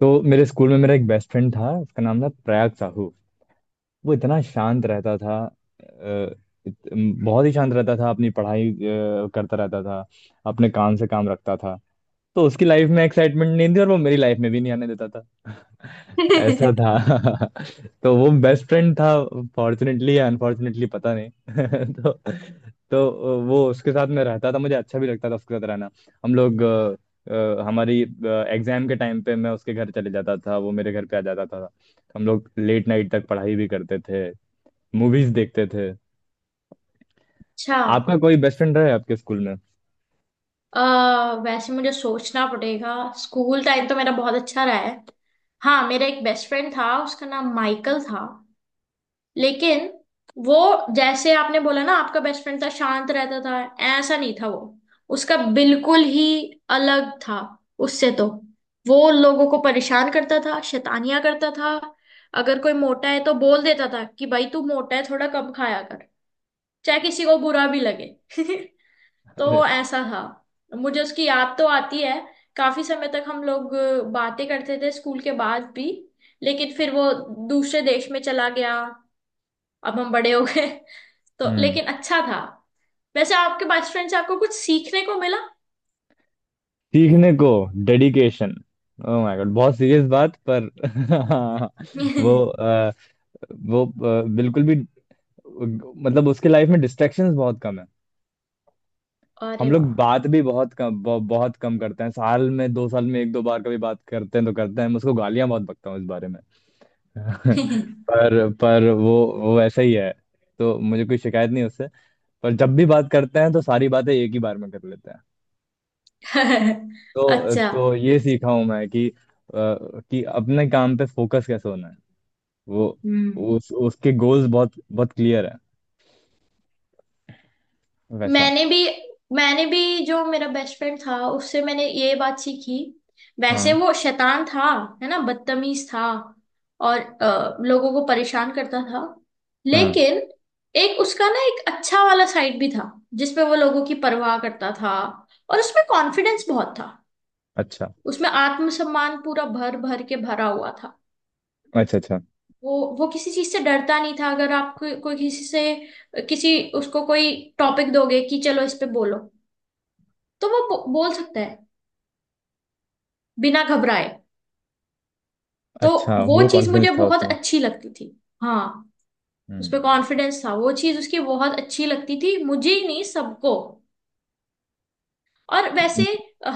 तो मेरे स्कूल में मेरा एक बेस्ट फ्रेंड था, उसका नाम था प्रयाग साहू। वो इतना शांत रहता था। अ, इत- बहुत ही शांत रहता था। अपनी पढ़ाई करता रहता था। अपने काम से काम रखता था। तो उसकी लाइफ में एक्साइटमेंट नहीं थी और वो मेरी लाइफ में भी नहीं आने देता था। ऐसा अच्छा। था। तो वो बेस्ट फ्रेंड था। फॉर्चुनेटली या अनफॉर्चुनेटली पता नहीं। तो तो वो, उसके साथ मैं रहता था, मुझे अच्छा भी लगता था उसके साथ रहना। हम लोग हमारी एग्जाम के टाइम पे मैं उसके घर चले जाता था, वो मेरे घर पे आ जाता था, तो हम लोग लेट नाइट तक पढ़ाई भी करते थे, मूवीज देखते थे। आपका कोई बेस्ट फ्रेंड रहा है आपके स्कूल में? वैसे मुझे सोचना पड़ेगा। स्कूल टाइम तो मेरा बहुत अच्छा रहा है। हाँ, मेरा एक बेस्ट फ्रेंड था, उसका नाम माइकल था। लेकिन वो, जैसे आपने बोला ना आपका बेस्ट फ्रेंड था शांत रहता था, ऐसा नहीं था वो। उसका बिल्कुल ही अलग था उससे तो। वो लोगों को परेशान करता था, शैतानियां करता था। अगर कोई मोटा है तो बोल देता था कि भाई तू मोटा है, थोड़ा कम खाया कर, चाहे किसी को बुरा भी लगे। तो वो ऐसा था। मुझे उसकी याद तो आती है। काफी समय तक हम लोग बातें करते थे स्कूल के बाद भी। लेकिन फिर वो दूसरे देश में चला गया। अब हम बड़े हो गए। तो अरे, लेकिन अच्छा था। वैसे आपके बेस्ट फ्रेंड से आपको कुछ सीखने को मिला? सीखने को डेडिकेशन। ओह माय गॉड, बहुत सीरियस बात पर। वो वो बिल्कुल भी, मतलब उसके लाइफ में डिस्ट्रैक्शंस बहुत कम है। हम अरे लोग वाह। बात भी बहुत कम बहुत कम करते हैं। साल में, दो साल में एक दो बार कभी बात करते हैं तो करते हैं। मैं उसको गालियां बहुत बकता हूँ इस बारे में। पर वो वैसा ही है, तो मुझे कोई शिकायत नहीं उससे। पर जब भी बात करते हैं तो सारी बातें एक ही बार में कर लेते हैं। तो अच्छा। तो ये सीखा हूं मैं कि कि अपने काम पे फोकस कैसे होना है। वो, हम्म। उस उसके गोल्स बहुत बहुत क्लियर है, वैसा। मैंने भी मैंने भी जो मेरा बेस्ट फ्रेंड था उससे मैंने ये बात सीखी। वैसे हाँ वो शैतान था, है ना, बदतमीज था और लोगों को परेशान करता था। हाँ। लेकिन एक उसका ना एक अच्छा वाला साइड भी था, जिसमें वो लोगों की परवाह करता था। और उसमें कॉन्फिडेंस बहुत था। अच्छा उसमें आत्मसम्मान पूरा भर भर के भरा हुआ था। अच्छा। अच्छा, वो किसी चीज से डरता नहीं था। अगर आप कोई कोई किसी से किसी उसको कोई टॉपिक दोगे कि चलो इस पे बोलो, तो वो बोल सकता है, बिना घबराए। तो अच्छा वो वो चीज मुझे कॉन्फिडेंस था बहुत उसमें। अच्छी लगती थी। हाँ। उस हम्म। पे कॉन्फिडेंस था, वो चीज उसकी बहुत अच्छी लगती थी, मुझे ही नहीं सबको। और वैसे,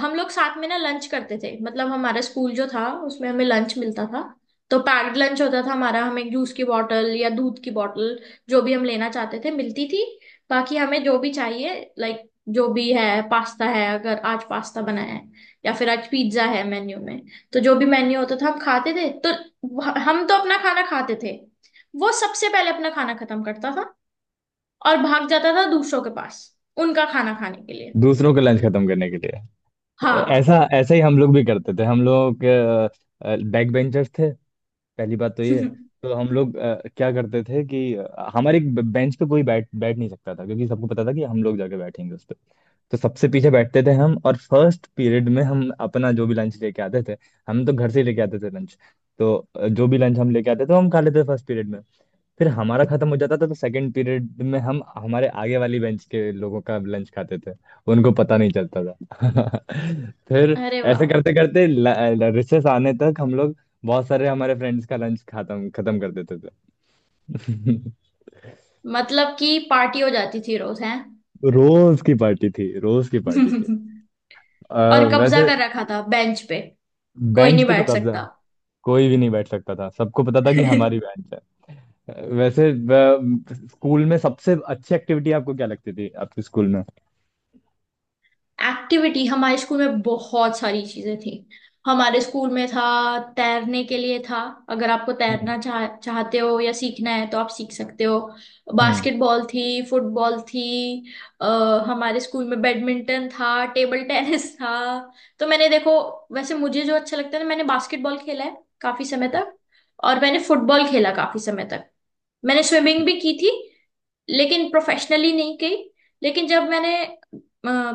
हम लोग साथ में ना लंच करते थे। मतलब हमारा स्कूल जो था उसमें हमें लंच मिलता था। तो पैक्ड लंच होता था हमारा। हमें जूस की बॉटल या दूध की बॉटल, जो भी हम लेना चाहते थे, मिलती थी। बाकी हमें जो भी चाहिए, लाइक, जो भी है, पास्ता है, अगर आज पास्ता बना है या फिर आज पिज्जा है मेन्यू में, तो जो भी मेन्यू होता था हम खाते थे। तो हम तो अपना खाना खाते थे, वो सबसे पहले अपना खाना खत्म करता था और भाग जाता था दूसरों के पास उनका खाना खाने के लिए। दूसरों का लंच खत्म करने के लिए। हाँ। ऐसा, ऐसा ही हम लोग भी करते थे। हम लोग बैक बेंचर्स थे, पहली बात तो ये है। तो हम लोग क्या करते थे कि हमारे एक बेंच पे कोई बैठ बैठ नहीं सकता था, क्योंकि सबको पता था कि हम लोग जाके बैठेंगे उस पे। तो सबसे पीछे बैठते थे हम, और फर्स्ट पीरियड में हम अपना जो भी लंच लेके आते थे, हम तो घर से ही लेके आते थे लंच, तो जो भी लंच हम लेके आते थे वो हम खा लेते थे फर्स्ट पीरियड में। फिर हमारा खत्म हो जाता था तो सेकंड पीरियड में हम हमारे आगे वाली बेंच के लोगों का लंच खाते थे, उनको पता नहीं चलता था। फिर अरे ऐसे वाह। करते करते रिसेस आने तक हम लोग बहुत सारे हमारे फ्रेंड्स का लंच खत्म खत्म कर देते थे। मतलब कि पार्टी हो जाती थी रोज हैं। रोज की पार्टी थी, रोज की पार्टी थी। अ, और कब्जा वैसे कर रखा था बेंच पे, कोई बेंच नहीं पे तो बैठ कब्जा, सकता। कोई भी नहीं बैठ सकता था, सबको पता था कि हमारी बेंच है। वैसे स्कूल में सबसे अच्छी एक्टिविटी आपको क्या लगती थी आपके स्कूल में? एक्टिविटी हमारे स्कूल में बहुत सारी चीजें थी। हमारे स्कूल में था, तैरने के लिए था, अगर आपको हम्म। तैरना चाहते हो या सीखना है तो आप सीख सकते हो। हम्म। बास्केटबॉल थी, फुटबॉल थी, अ, हमारे स्कूल में बैडमिंटन था, टेबल टेनिस था। तो मैंने देखो, वैसे मुझे जो अच्छा लगता था, मैंने बास्केटबॉल खेला है काफी समय तक, और मैंने फुटबॉल खेला काफी समय तक। मैंने स्विमिंग भी की थी, लेकिन प्रोफेशनली नहीं की। लेकिन जब मैंने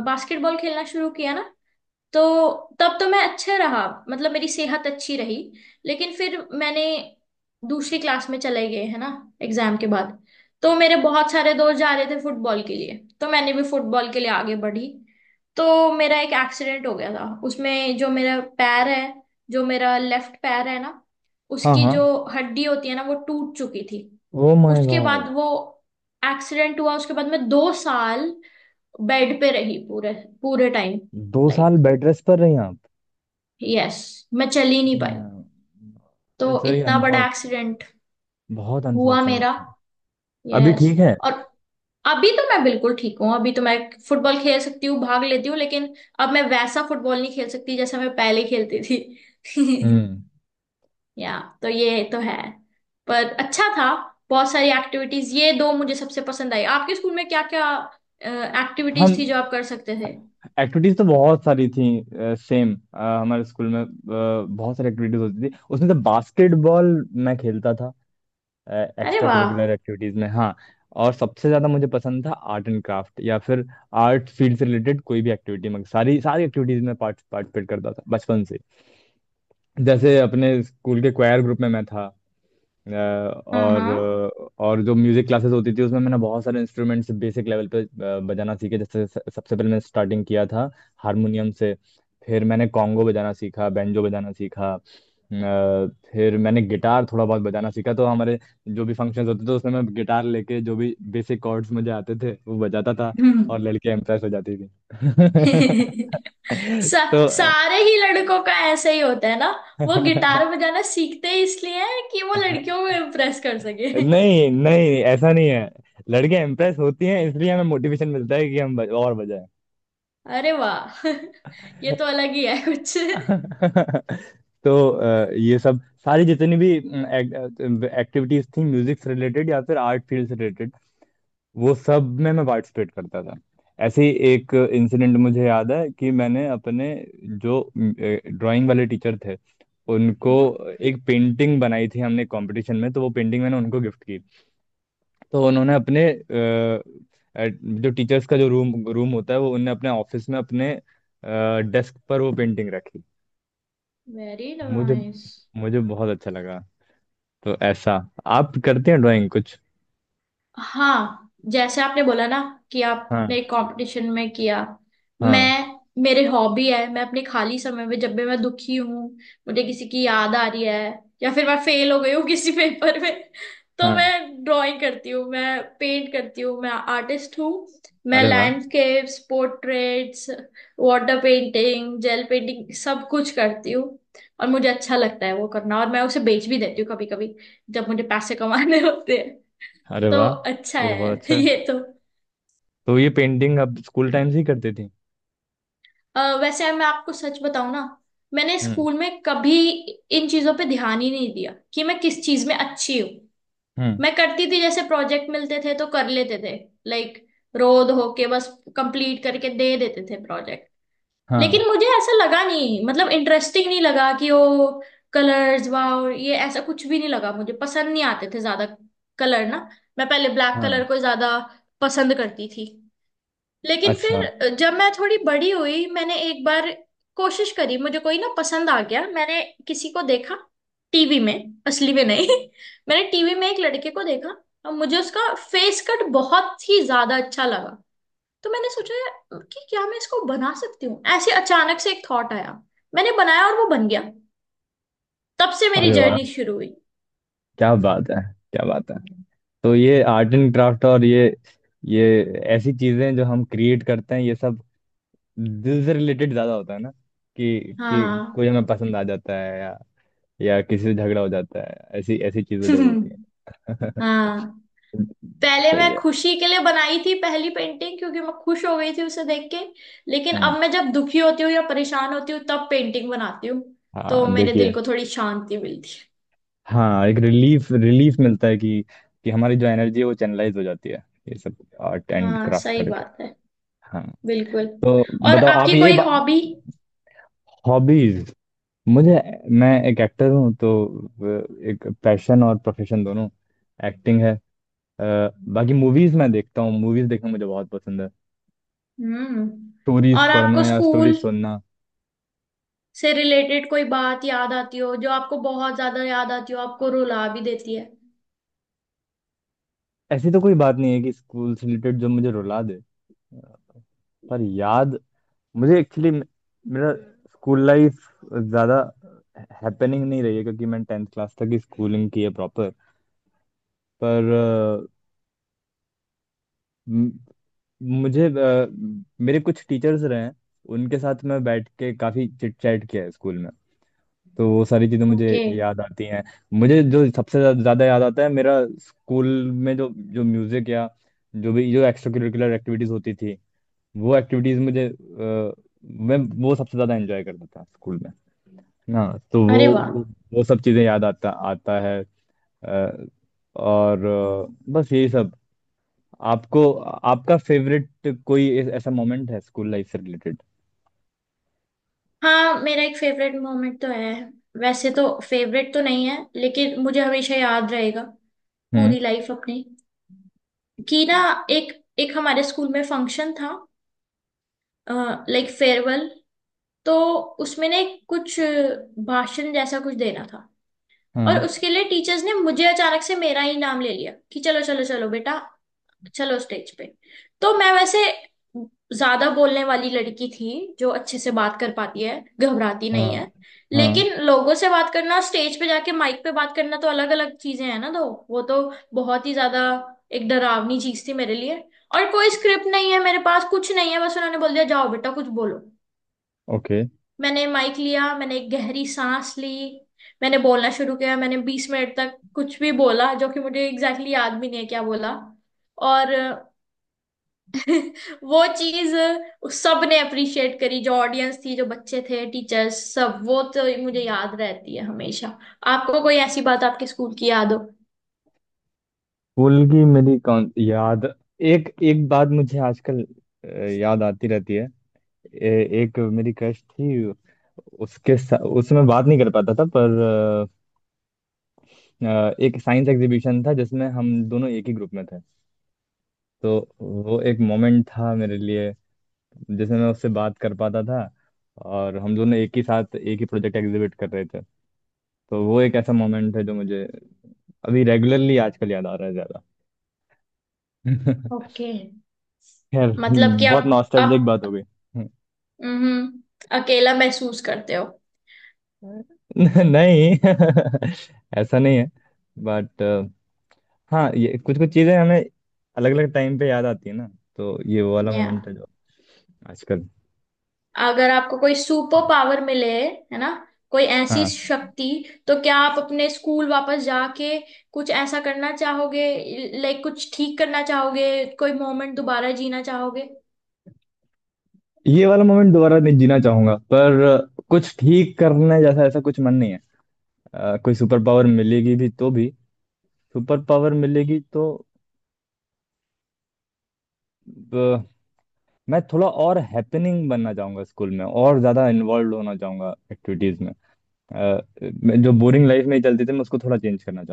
बास्केटबॉल खेलना शुरू किया ना, तो तब तो मैं अच्छा रहा, मतलब मेरी सेहत अच्छी रही। लेकिन फिर मैंने, दूसरी क्लास में चले गए है ना, एग्जाम के बाद, तो मेरे बहुत सारे दोस्त जा रहे थे फुटबॉल के लिए, तो मैंने भी फुटबॉल के लिए आगे बढ़ी। तो मेरा एक एक्सीडेंट हो गया था उसमें। जो मेरा पैर है, जो मेरा लेफ्ट पैर है ना, हाँ उसकी हाँ। जो हड्डी होती है ना, वो टूट चुकी थी। ओ माय उसके बाद गॉड। वो एक्सीडेंट हुआ, उसके बाद मैं दो साल बेड पे रही, पूरे पूरे टाइम। दो साल बेड रेस्ट पर रही आप? यस। मैं चल ही नहीं पाई। तो इट्स वेरी इतना बड़ा अनफॉर्चुनेट, एक्सीडेंट बहुत हुआ अनफॉर्चुनेट मेरा। था। अभी यस। ठीक है? और अभी तो मैं बिल्कुल ठीक हूँ। अभी तो मैं फुटबॉल खेल सकती हूँ, भाग लेती हूँ, लेकिन अब मैं वैसा फुटबॉल नहीं खेल सकती जैसा मैं पहले खेलती थी। हम्म। या तो ये तो है, पर अच्छा था। बहुत सारी एक्टिविटीज, ये दो मुझे सबसे पसंद आई। आपके स्कूल में क्या क्या एक्टिविटीज थी हम, जो आप कर सकते थे? एक्टिविटीज तो बहुत सारी थी। सेम हमारे स्कूल में बहुत सारी एक्टिविटीज होती थी, उसमें से बास्केटबॉल मैं खेलता था अरे एक्स्ट्रा वाह। करिकुलर एक्टिविटीज में। हाँ। और सबसे ज्यादा मुझे पसंद था आर्ट एंड क्राफ्ट, या फिर आर्ट फील्ड से रिलेटेड कोई भी एक्टिविटी, में सारी सारी एक्टिविटीज में पार्टिसिपेट करता था बचपन से। जैसे अपने स्कूल के क्वायर ग्रुप में मैं था, अ, हाँ और हाँ। और जो म्यूजिक क्लासेस होती थी उसमें मैंने बहुत सारे इंस्ट्रूमेंट्स बेसिक लेवल पे बजाना सीखे। जैसे सबसे पहले मैंने स्टार्टिंग किया था हारमोनियम से, फिर मैंने कॉन्गो बजाना सीखा, बैंजो बजाना सीखा, फिर मैंने गिटार थोड़ा बहुत बजाना सीखा। तो हमारे जो भी फंक्शंस होते थे उसमें मैं गिटार लेके जो भी बेसिक कॉर्ड्स मुझे आते थे वो बजाता था, और हम्म। लड़कियां इम्प्रेस हो जाती थी। सा, तो सारे ही लड़कों का ऐसे ही होता है ना, वो गिटार बजाना सीखते ही इसलिए हैं कि वो लड़कियों को इम्प्रेस कर सके। नहीं नहीं, ऐसा नहीं है। लड़कियां इंप्रेस होती हैं इसलिए हमें मोटिवेशन मिलता है कि हम और बजाएं। अरे वाह। ये तो अलग ही है कुछ। तो ये सब, सारी जितनी भी एक्टिविटीज थी म्यूजिक से रिलेटेड या फिर आर्ट फील्ड से रिलेटेड, वो सब में मैं पार्टिसिपेट करता था। ऐसे ही एक इंसिडेंट मुझे याद है कि मैंने अपने जो ड्राइंग वाले टीचर थे उनको एक पेंटिंग बनाई थी, हमने कंपटीशन में, तो वो पेंटिंग मैंने उनको गिफ्ट की। तो उन्होंने अपने जो टीचर्स का जो रूम रूम होता है, वो उन्होंने अपने ऑफिस में, अपने डेस्क पर वो पेंटिंग रखी। वेरी मुझे नाइस। मुझे बहुत अच्छा लगा। तो ऐसा। आप करते हैं ड्राइंग कुछ? हाँ, जैसे आपने बोला ना कि हाँ आपने कंपटीशन में किया। हाँ। मैं, मेरे हॉबी है, मैं अपने खाली समय में, जब भी मैं दुखी हूँ, मुझे किसी की याद आ रही है, या फिर मैं फेल हो गई हूँ किसी पेपर में, तो हाँ। मैं ड्राइंग करती हूँ, मैं पेंट करती हूँ, मैं आर्टिस्ट हूँ। मैं अरे वाह। Landscapes, portraits, water painting, gel painting, सब कुछ करती हूँ। और मुझे अच्छा लगता है वो करना, और मैं उसे बेच भी देती हूँ कभी कभी, जब मुझे पैसे कमाने होते। अरे तो वाह, अच्छा ये तो है बहुत अच्छा है। ये तो। तो ये पेंटिंग आप स्कूल टाइम से ही करते थे? वैसे मैं आपको सच बताऊं ना, मैंने हम्म। स्कूल में कभी इन चीजों पे ध्यान ही नहीं दिया कि मैं किस चीज में अच्छी हूँ। हम्म। मैं करती थी, जैसे प्रोजेक्ट मिलते थे तो कर लेते थे। लाइक, रोज होके बस कंप्लीट करके दे देते थे प्रोजेक्ट। हाँ लेकिन मुझे ऐसा लगा नहीं, मतलब इंटरेस्टिंग नहीं लगा कि ओ कलर्स वाओ, ये ऐसा कुछ भी नहीं लगा। मुझे पसंद नहीं आते थे ज्यादा कलर ना। मैं पहले ब्लैक हाँ। कलर को ज्यादा पसंद करती थी। लेकिन अच्छा। फिर जब मैं थोड़ी बड़ी हुई, मैंने एक बार कोशिश करी, मुझे कोई ना पसंद आ गया, मैंने किसी को देखा टीवी में, असली में नहीं। मैंने टीवी में एक लड़के को देखा, और मुझे उसका फेस कट बहुत ही ज्यादा अच्छा लगा। तो मैंने सोचा कि क्या मैं इसको बना सकती हूँ, ऐसे अचानक से एक थॉट आया। मैंने बनाया और वो बन गया। तब से मेरी अरे वाह, जर्नी शुरू हुई। क्या बात है, क्या बात है। तो ये आर्ट एंड क्राफ्ट, और ये ऐसी चीजें जो हम क्रिएट करते हैं ये सब दिल से रिलेटेड ज्यादा होता है ना? कि कि हाँ। कोई हमें पसंद आ जाता है, या किसी से झगड़ा हो जाता है, ऐसी ऐसी चीजें जब होती है। हाँ। पहले सही मैं है। खुशी के लिए बनाई थी पहली पेंटिंग, क्योंकि मैं खुश हो गई थी उसे देख के। लेकिन हम्म। अब मैं जब दुखी होती हूँ या परेशान होती हूँ, तब पेंटिंग बनाती हूँ, तो हाँ मेरे दिल देखिए। को थोड़ी शांति मिलती हाँ, एक रिलीफ रिलीफ मिलता है कि हमारी जो एनर्जी है वो चैनलाइज हो जाती है, ये सब आर्ट है। एंड हाँ, क्राफ्ट सही करके। बात है, हाँ। बिल्कुल। तो और बताओ आप आपकी ये कोई बा... हॉबी? हॉबीज, मुझे, मैं एक एक्टर हूँ तो एक पैशन और प्रोफेशन दोनों एक्टिंग है। अ, बाकी मूवीज मैं देखता हूँ, मूवीज देखना मुझे बहुत पसंद है, हम्म। स्टोरीज और आपको पढ़ना या स्कूल स्टोरीज सुनना। से रिलेटेड कोई बात याद आती हो, जो आपको बहुत ज्यादा याद आती हो, आपको रुला भी देती है? ऐसी तो कोई बात नहीं है कि स्कूल से रिलेटेड जो मुझे रुला दे, पर याद, मुझे एक्चुअली मेरा स्कूल लाइफ ज्यादा हैपनिंग नहीं रही है क्योंकि मैंने टेंथ क्लास तक ही स्कूलिंग की है प्रॉपर। पर म- मुझे मेरे कुछ टीचर्स रहे हैं, उनके साथ मैं बैठ के काफी चिट चैट किया है स्कूल में, तो वो सारी चीज़ें मुझे ओके। याद आती हैं। मुझे जो ज़्यादा याद आता है, मेरा स्कूल में जो, जो म्यूज़िक या जो भी जो एक्स्ट्रा करिकुलर एक्टिविटीज़ होती थी, वो एक्टिविटीज़ मुझे मैं वो सबसे ज़्यादा एंजॉय करता था स्कूल में ना। तो अरे वाह। वो सब चीज़ें याद आता आता है अ, और बस यही सब। आपको, आपका फेवरेट कोई ऐसा मोमेंट है स्कूल लाइफ से रिलेटेड? हाँ, मेरा एक फेवरेट मोमेंट तो है। वैसे तो फेवरेट तो नहीं है, लेकिन मुझे हमेशा याद रहेगा हम्म। पूरी लाइफ अपनी, कि ना, एक एक हमारे स्कूल में फंक्शन था, लाइक फेयरवेल, तो उसमें ना एक कुछ भाषण जैसा कुछ देना था। और हाँ उसके लिए टीचर्स ने मुझे अचानक से, मेरा ही नाम ले लिया कि चलो चलो चलो बेटा, चलो स्टेज पे। तो मैं वैसे ज्यादा बोलने वाली लड़की थी जो अच्छे से बात कर पाती है, घबराती नहीं हाँ। है। हाँ। लेकिन लोगों से बात करना, स्टेज पे जाके माइक पे बात करना तो अलग अलग चीजें हैं ना। तो वो तो बहुत ही ज्यादा एक डरावनी चीज थी मेरे लिए। और कोई स्क्रिप्ट नहीं है मेरे पास, कुछ नहीं है, बस उन्होंने बोल दिया जाओ बेटा कुछ बोलो। ओके। मैंने माइक लिया, मैंने एक गहरी सांस ली, मैंने बोलना शुरू किया। मैंने 20 मिनट तक कुछ भी बोला, जो कि मुझे एग्जैक्टली exactly याद भी नहीं है क्या बोला। और वो चीज सबने अप्रिशिएट करी, जो ऑडियंस थी, जो बच्चे थे, टीचर्स, सब। वो तो मुझे याद रहती है हमेशा। आपको कोई ऐसी बात आपके स्कूल की याद हो? स्कूल की मेरी कौन याद, एक एक बात मुझे आजकल अ, याद आती रहती है। एक मेरी क्रश थी, उसमें बात नहीं कर पाता था, पर एक साइंस एग्जीबिशन था जिसमें हम दोनों एक ही ग्रुप में थे, तो वो एक मोमेंट था मेरे लिए जिसमें मैं उससे बात कर पाता था, और हम दोनों एक ही साथ एक ही प्रोजेक्ट एग्जीबिट कर रहे थे। तो वो एक ऐसा मोमेंट है जो मुझे अभी रेगुलरली आजकल याद आ रहा है ज्यादा। ओके। खैर, मतलब कि बहुत आप नॉस्टैल्जिक बात हो आप गई। हम्म, अकेला महसूस करते हो? नहीं, ऐसा नहीं है। बट हाँ, ये कुछ कुछ चीजें हमें अलग अलग टाइम पे याद आती है ना। तो ये वो वाला या मोमेंट है जो आजकल। अगर आपको कोई सुपर हाँ। पावर मिले है ना, कोई ऐसी हाँ। शक्ति, तो क्या आप अपने स्कूल वापस जाके कुछ ऐसा करना चाहोगे, लाइक कुछ ठीक करना चाहोगे, कोई मोमेंट दोबारा जीना चाहोगे? ये वाला मोमेंट दोबारा नहीं जीना चाहूंगा, पर कुछ ठीक करने जैसा ऐसा कुछ मन नहीं है। कोई सुपर पावर मिलेगी भी तो भी, सुपर पावर मिलेगी तो अ, मैं थोड़ा और हैपनिंग बनना चाहूंगा स्कूल में, और ज्यादा इन्वॉल्व होना चाहूंगा एक्टिविटीज में। अ, जो बोरिंग लाइफ में चलती थी मैं उसको थोड़ा चेंज करना,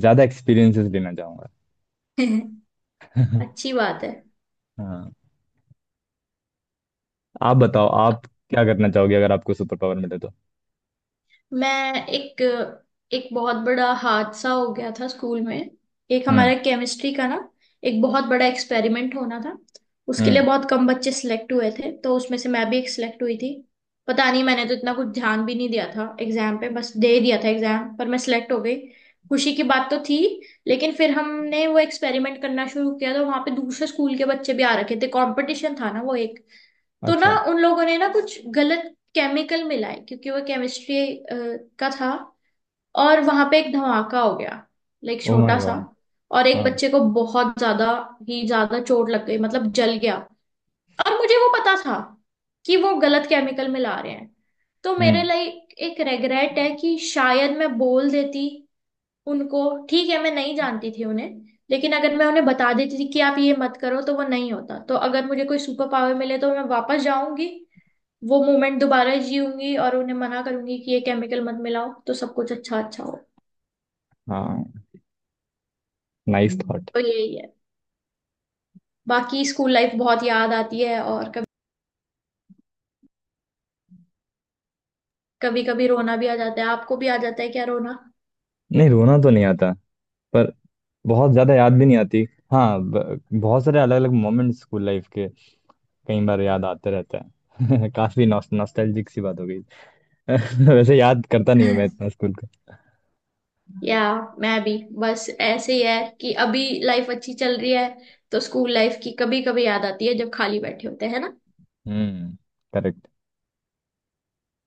ज्यादा एक्सपीरियंसेस लेना चाहूंगा। अच्छी बात है। हाँ। आप बताओ, आप क्या करना चाहोगे अगर आपको सुपर पावर मिले तो? मैं एक, बहुत बड़ा हादसा हो गया था स्कूल में। एक हम्म। हमारा केमिस्ट्री का ना, एक बहुत बड़ा एक्सपेरिमेंट होना था। उसके हम्म। लिए बहुत कम बच्चे सिलेक्ट हुए थे, तो उसमें से मैं भी एक सिलेक्ट हुई थी। पता नहीं, मैंने तो इतना कुछ ध्यान भी नहीं दिया था एग्जाम पे, बस दे दिया था एग्जाम, पर मैं सिलेक्ट हो गई। खुशी की बात तो थी। लेकिन फिर हमने वो एक्सपेरिमेंट करना शुरू किया, तो वहां पे दूसरे स्कूल के बच्चे भी आ रखे थे, कंपटीशन था ना वो एक। तो ना अच्छा। उन लोगों ने ना कुछ गलत केमिकल मिलाए, क्योंकि वो केमिस्ट्री का था। और वहां पे एक धमाका हो गया, लाइक ओ माय छोटा सा। गॉड। और एक हाँ। बच्चे को बहुत ज्यादा ही ज्यादा चोट लग गई, मतलब जल गया। और मुझे वो पता था कि वो गलत केमिकल मिला रहे हैं। तो मेरे हम्म। लिए एक रेग्रेट है कि शायद मैं बोल देती उनको। ठीक है, मैं नहीं जानती थी उन्हें, लेकिन अगर मैं उन्हें बता देती थी कि आप ये मत करो तो वो नहीं होता। तो अगर मुझे कोई सुपर पावर मिले, तो मैं वापस जाऊंगी, वो मोमेंट दोबारा जीऊंगी और उन्हें मना करूंगी कि ये केमिकल मत मिलाओ, तो सब कुछ अच्छा अच्छा हो। हाँ, नाइस थॉट। तो यही है। बाकी स्कूल लाइफ बहुत याद आती है, और कभी, कभी कभी रोना भी आ जाता है। आपको भी आ जाता है क्या रोना? नहीं, रोना तो नहीं आता, पर बहुत ज्यादा याद भी नहीं आती। हाँ, बहुत सारे अलग अलग मोमेंट स्कूल लाइफ के कई बार याद आते रहते हैं। काफी नॉस्टैल्जिक सी बात हो गई। वैसे याद करता नहीं हूँ मैं इतना स्कूल का। या, मैं भी, बस ऐसे ही है कि अभी लाइफ अच्छी चल रही है, तो स्कूल लाइफ की कभी कभी याद आती है, जब खाली बैठे होते हैं ना। हम्म।